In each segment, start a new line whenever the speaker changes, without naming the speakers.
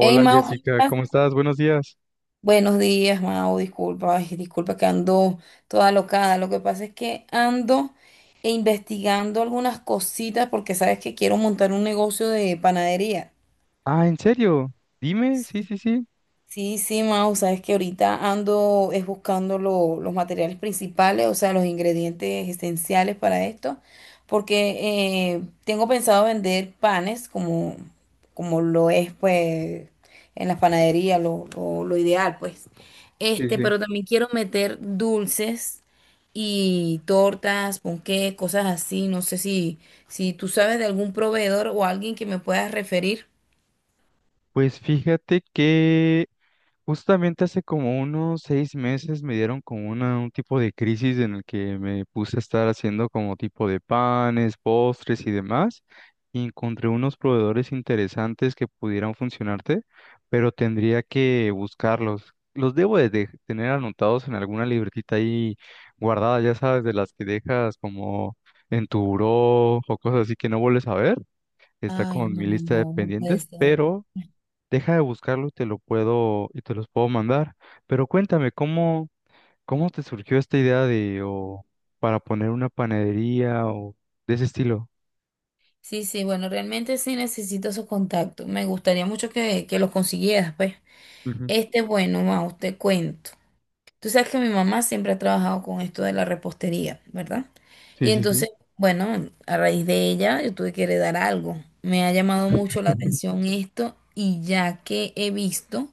Hey, Mau, ¿cómo
Jessica,
estás?
¿cómo estás? Buenos días.
Buenos días, Mau, disculpa, ay, disculpa que ando toda locada. Lo que pasa es que ando investigando algunas cositas porque sabes que quiero montar un negocio de panadería.
Ah, ¿en serio? Dime, sí, sí, sí.
Sí, sí, Mau, sabes que ahorita ando es buscando los materiales principales, o sea, los ingredientes esenciales para esto, porque tengo pensado vender panes como, como lo es, pues, en las panaderías, lo ideal, pues.
Sí,
Este,
sí.
pero también quiero meter dulces y tortas, ponqué, cosas así. No sé si, si tú sabes de algún proveedor o alguien que me puedas referir.
Pues fíjate que justamente hace como unos 6 meses me dieron como un tipo de crisis en el que me puse a estar haciendo como tipo de panes, postres y demás, y encontré unos proveedores interesantes que pudieran funcionarte, pero tendría que buscarlos. Los debo de tener anotados en alguna libretita ahí guardada, ya sabes, de las que dejas como en tu buró o cosas así que no vuelves a ver. Está
Ay,
como en
no,
mi lista de
no, no puede
pendientes,
ser.
pero deja de buscarlo y te los puedo mandar. Pero cuéntame, ¿cómo te surgió esta idea de o para poner una panadería o de ese estilo?
Sí, sí, bueno, realmente sí necesito esos contactos. Me gustaría mucho que los consiguieras, pues.
Ujú.
Este, bueno, Mau, te cuento. Tú sabes que mi mamá siempre ha trabajado con esto de la repostería, ¿verdad?
Sí,
Y
sí, sí.
entonces, bueno, a raíz de ella yo tuve que heredar algo. Me ha llamado mucho la atención esto y ya que he visto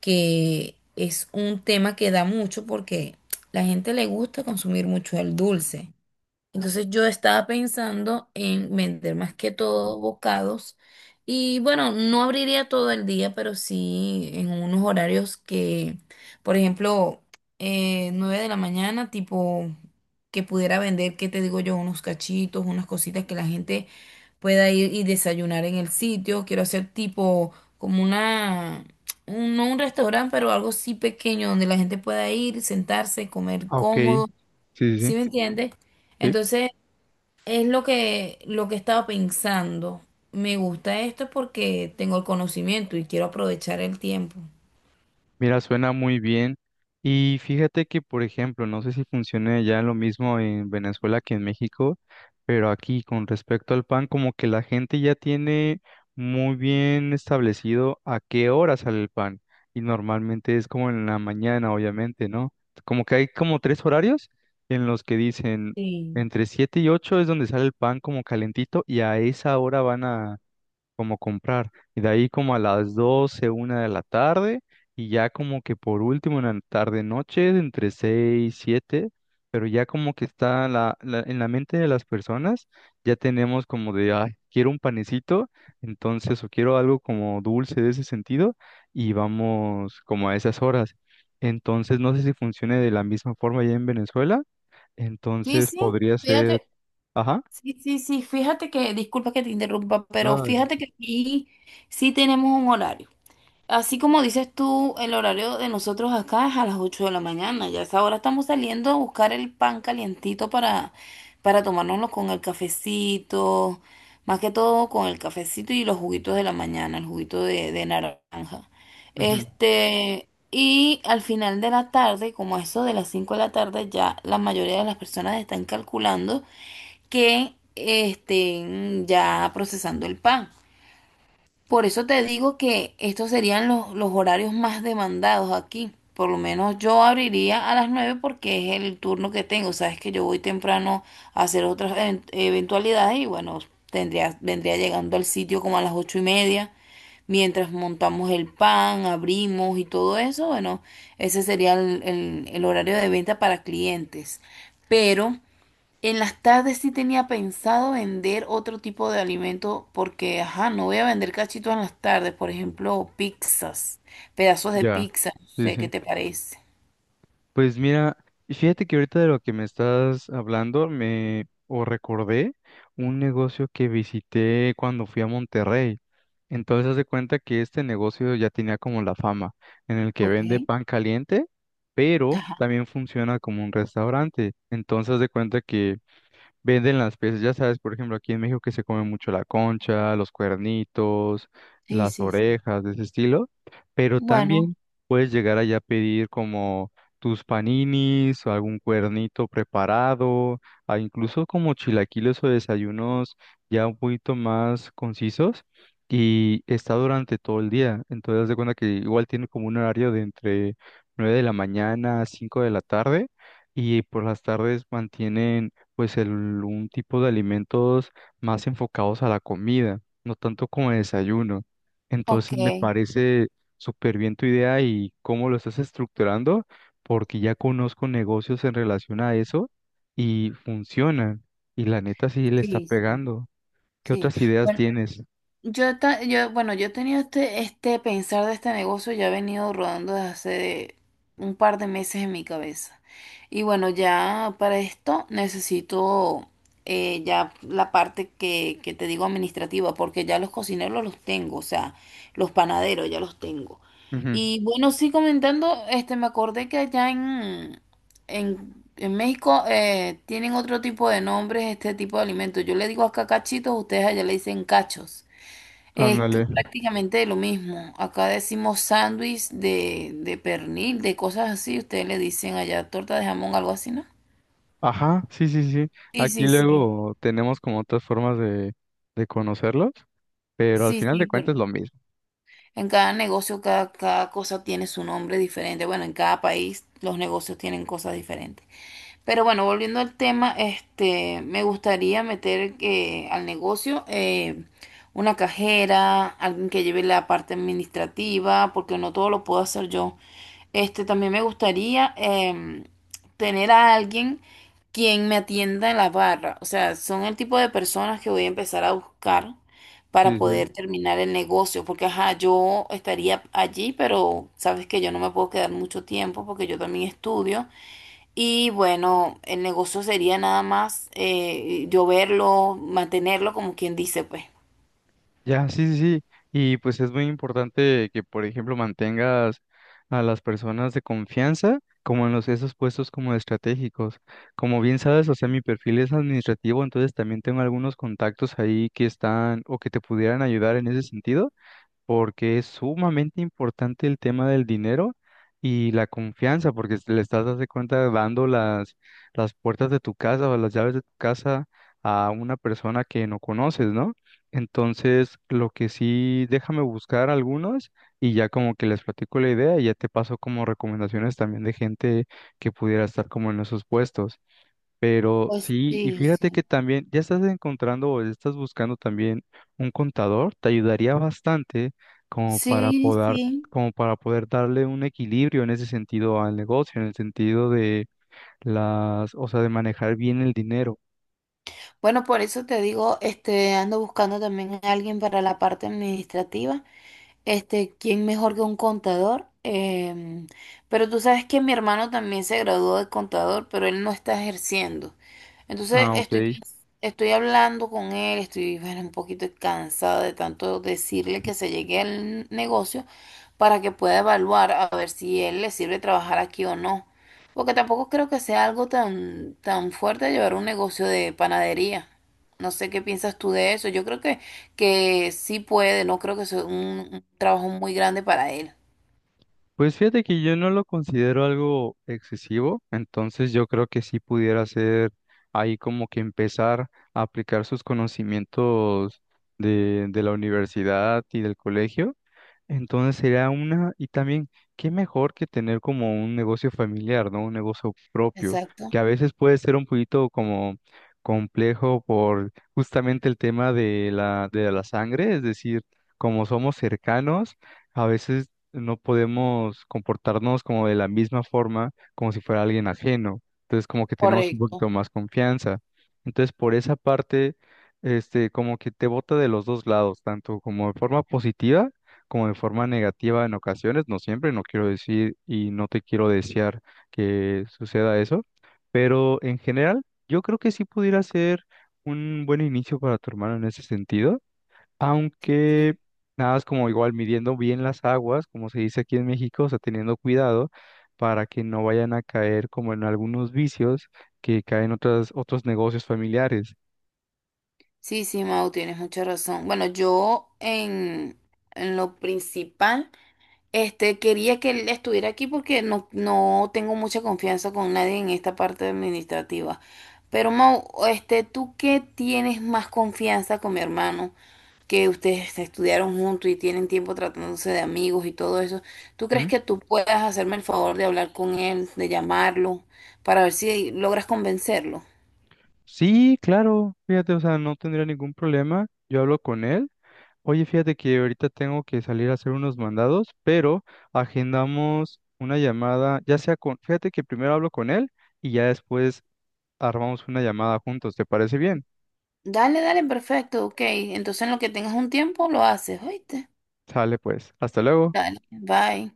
que es un tema que da mucho porque la gente le gusta consumir mucho el dulce. Entonces yo estaba pensando en vender más que todo bocados y bueno, no abriría todo el día, pero sí en unos horarios que, por ejemplo, 9 de la mañana, tipo que pudiera vender, ¿qué te digo yo? Unos cachitos, unas cositas que la gente pueda ir y desayunar en el sitio. Quiero hacer tipo como una, no un restaurante, pero algo sí pequeño donde la gente pueda ir, sentarse, comer
Ah, ok. Sí,
cómodo,
sí,
¿sí me
sí.
entiendes?
Sí.
Entonces, es lo que estaba pensando. Me gusta esto porque tengo el conocimiento y quiero aprovechar el tiempo.
Mira, suena muy bien. Y fíjate que, por ejemplo, no sé si funcione ya lo mismo en Venezuela que en México, pero aquí con respecto al pan, como que la gente ya tiene muy bien establecido a qué hora sale el pan. Y normalmente es como en la mañana, obviamente, ¿no? Como que hay como tres horarios en los que dicen
Sí.
entre 7 y 8 es donde sale el pan como calentito y a esa hora van a como comprar. Y de ahí como a las doce, una de la tarde, y ya como que por último en la tarde-noche, entre 6, siete, pero ya como que está en la mente de las personas, ya tenemos como de, ay, quiero un panecito, entonces, o quiero algo como dulce de ese sentido, y vamos como a esas horas. Entonces, no sé si funcione de la misma forma allá en Venezuela,
Sí,
entonces
sí,
podría ser,
fíjate,
ajá,
sí, sí, sí, fíjate que, disculpa que te interrumpa, pero
ah,
fíjate que aquí sí tenemos un horario. Así como dices tú, el horario de nosotros acá es a las 8 de la mañana. Ya a esa hora estamos saliendo a buscar el pan calientito para tomárnoslo con el cafecito, más que todo con el cafecito y los juguitos de la mañana, el juguito de naranja.
ujú,
Este, y al final de la tarde, como a eso de las 5 de la tarde, ya la mayoría de las personas están calculando que estén ya procesando el pan. Por eso te digo que estos serían los horarios más demandados aquí. Por lo menos yo abriría a las 9 porque es el turno que tengo. Sabes que yo voy temprano a hacer otras eventualidades y bueno, tendría, vendría llegando al sitio como a las 8 y media. Mientras montamos el pan, abrimos y todo eso, bueno, ese sería el, el horario de venta para clientes. Pero en las tardes sí tenía pensado vender otro tipo de alimento porque, ajá, no voy a vender cachitos en las tardes, por ejemplo, pizzas, pedazos de
ya,
pizza, no
sí,
sé qué
sí.
te parece.
Pues mira, fíjate que ahorita de lo que me estás hablando, me o recordé un negocio que visité cuando fui a Monterrey. Entonces, haz de cuenta que este negocio ya tenía como la fama, en el que
Ok,
vende pan caliente, pero
ajá,
también funciona como un restaurante. Entonces, haz de cuenta que venden las piezas, ya sabes, por ejemplo, aquí en México que se come mucho la concha, los cuernitos,
sí,
las
sí, sí.
orejas, de ese estilo, pero
Bueno,
también puedes llegar allá a pedir como tus paninis o algún cuernito preparado, a incluso como chilaquiles o desayunos ya un poquito más concisos y está durante todo el día, entonces haz de cuenta que igual tiene como un horario de entre 9 de la mañana a 5 de la tarde y por las tardes mantienen pues un tipo de alimentos más enfocados a la comida, no tanto como el desayuno.
ok,
Entonces me
sí,
parece súper bien tu idea y cómo lo estás estructurando, porque ya conozco negocios en relación a eso y funcionan. Y la neta sí le está
sí,
pegando. ¿Qué
sí.
otras ideas
Bueno,
tienes?
yo he tenido este, este pensar de este negocio, ya he venido rodando desde hace un par de meses en mi cabeza. Y bueno, ya para esto necesito ya la parte que te digo administrativa, porque ya los cocineros los tengo, o sea, los panaderos ya los tengo.
Ujú.
Y bueno, sí comentando, este, me acordé que allá en México tienen otro tipo de nombres, este tipo de alimentos. Yo le digo acá cachitos, ustedes allá le dicen cachos. Es
Ándale.
que prácticamente lo mismo. Acá decimos sándwich de pernil, de cosas así. Ustedes le dicen allá torta de jamón, algo así, ¿no?
Ajá, sí, sí, sí.
Sí,
Aquí
sí, sí.
luego tenemos como otras formas de conocerlos, pero al
Sí,
final de
sí,
cuentas
pero
es lo mismo.
en cada negocio, cada cosa tiene su nombre diferente. Bueno, en cada país los negocios tienen cosas diferentes. Pero bueno, volviendo al tema, este, me gustaría meter al negocio una cajera, alguien que lleve la parte administrativa, porque no todo lo puedo hacer yo. Este, también me gustaría tener a alguien quien me atienda en la barra. O sea, son el tipo de personas que voy a empezar a buscar para
Sí, sí.
poder terminar el negocio, porque ajá, yo estaría allí, pero sabes que yo no me puedo quedar mucho tiempo porque yo también estudio. Y bueno, el negocio sería nada más yo verlo, mantenerlo, como quien dice, pues.
Ya, sí, sí, sí. Y pues es muy importante que, por ejemplo, mantengas a las personas de confianza como en esos puestos como estratégicos. Como bien sabes, o sea, mi perfil es administrativo, entonces también tengo algunos contactos ahí que están o que te pudieran ayudar en ese sentido porque es sumamente importante el tema del dinero y la confianza, porque le estás dando cuenta dando las puertas de tu casa o las llaves de tu casa a una persona que no conoces, ¿no? Entonces, lo que sí, déjame buscar algunos y ya como que les platico la idea y ya te paso como recomendaciones también de gente que pudiera estar como en esos puestos. Pero
Pues
sí, y
sí,
fíjate que
sí.
también ya estás encontrando o estás buscando también un contador, te ayudaría bastante como para
Sí,
poder,
sí.
como para poder darle un equilibrio en ese sentido al negocio, en el sentido de las, o sea, de manejar bien el dinero.
Bueno, por eso te digo, este, ando buscando también a alguien para la parte administrativa. Este, ¿quién mejor que un contador? Em, pero tú sabes que mi hermano también se graduó de contador, pero él no está ejerciendo. Entonces
Ah, ok.
estoy, estoy hablando con él, estoy bueno, un poquito cansada de tanto decirle que se llegue al negocio para que pueda evaluar a ver si él le sirve trabajar aquí o no. Porque tampoco creo que sea algo tan, tan fuerte llevar un negocio de panadería. No sé qué piensas tú de eso. Yo creo que sí puede, no creo que sea un trabajo muy grande para él.
Pues fíjate que yo no lo considero algo excesivo, entonces yo creo que sí pudiera ser ahí como que empezar a aplicar sus conocimientos de la universidad y del colegio. Y también, qué mejor que tener como un negocio familiar, ¿no? Un negocio propio,
Exacto,
que a veces puede ser un poquito como complejo por justamente el tema de la sangre, es decir, como somos cercanos, a veces no podemos comportarnos como de la misma forma, como si fuera alguien ajeno. Entonces, como que tenemos un
correcto.
poquito más confianza. Entonces, por esa parte, como que te bota de los dos lados, tanto como de forma positiva, como de forma negativa en ocasiones, no siempre, no quiero decir y no te quiero desear que suceda eso, pero en general yo creo que sí pudiera ser un buen inicio para tu hermano en ese sentido,
Sí,
aunque
sí,
nada es como igual midiendo bien las aguas, como se dice aquí en México, o sea, teniendo cuidado para que no vayan a caer como en algunos vicios que caen otros negocios familiares.
Sí, sí, Mau, tienes mucha razón. Bueno, yo en lo principal, este, quería que él estuviera aquí porque no, no tengo mucha confianza con nadie en esta parte administrativa. Pero Mau, este, ¿tú qué tienes más confianza con mi hermano? Que ustedes estudiaron juntos y tienen tiempo tratándose de amigos y todo eso, ¿tú crees que tú puedas hacerme el favor de hablar con él, de llamarlo, para ver si logras convencerlo?
Sí, claro, fíjate, o sea, no tendría ningún problema. Yo hablo con él. Oye, fíjate que ahorita tengo que salir a hacer unos mandados, pero agendamos una llamada, fíjate que primero hablo con él y ya después armamos una llamada juntos, ¿te parece bien?
Dale, dale, perfecto, ok. Entonces en lo que tengas un tiempo lo haces, ¿oíste?
Sale pues, hasta luego.
Dale, bye.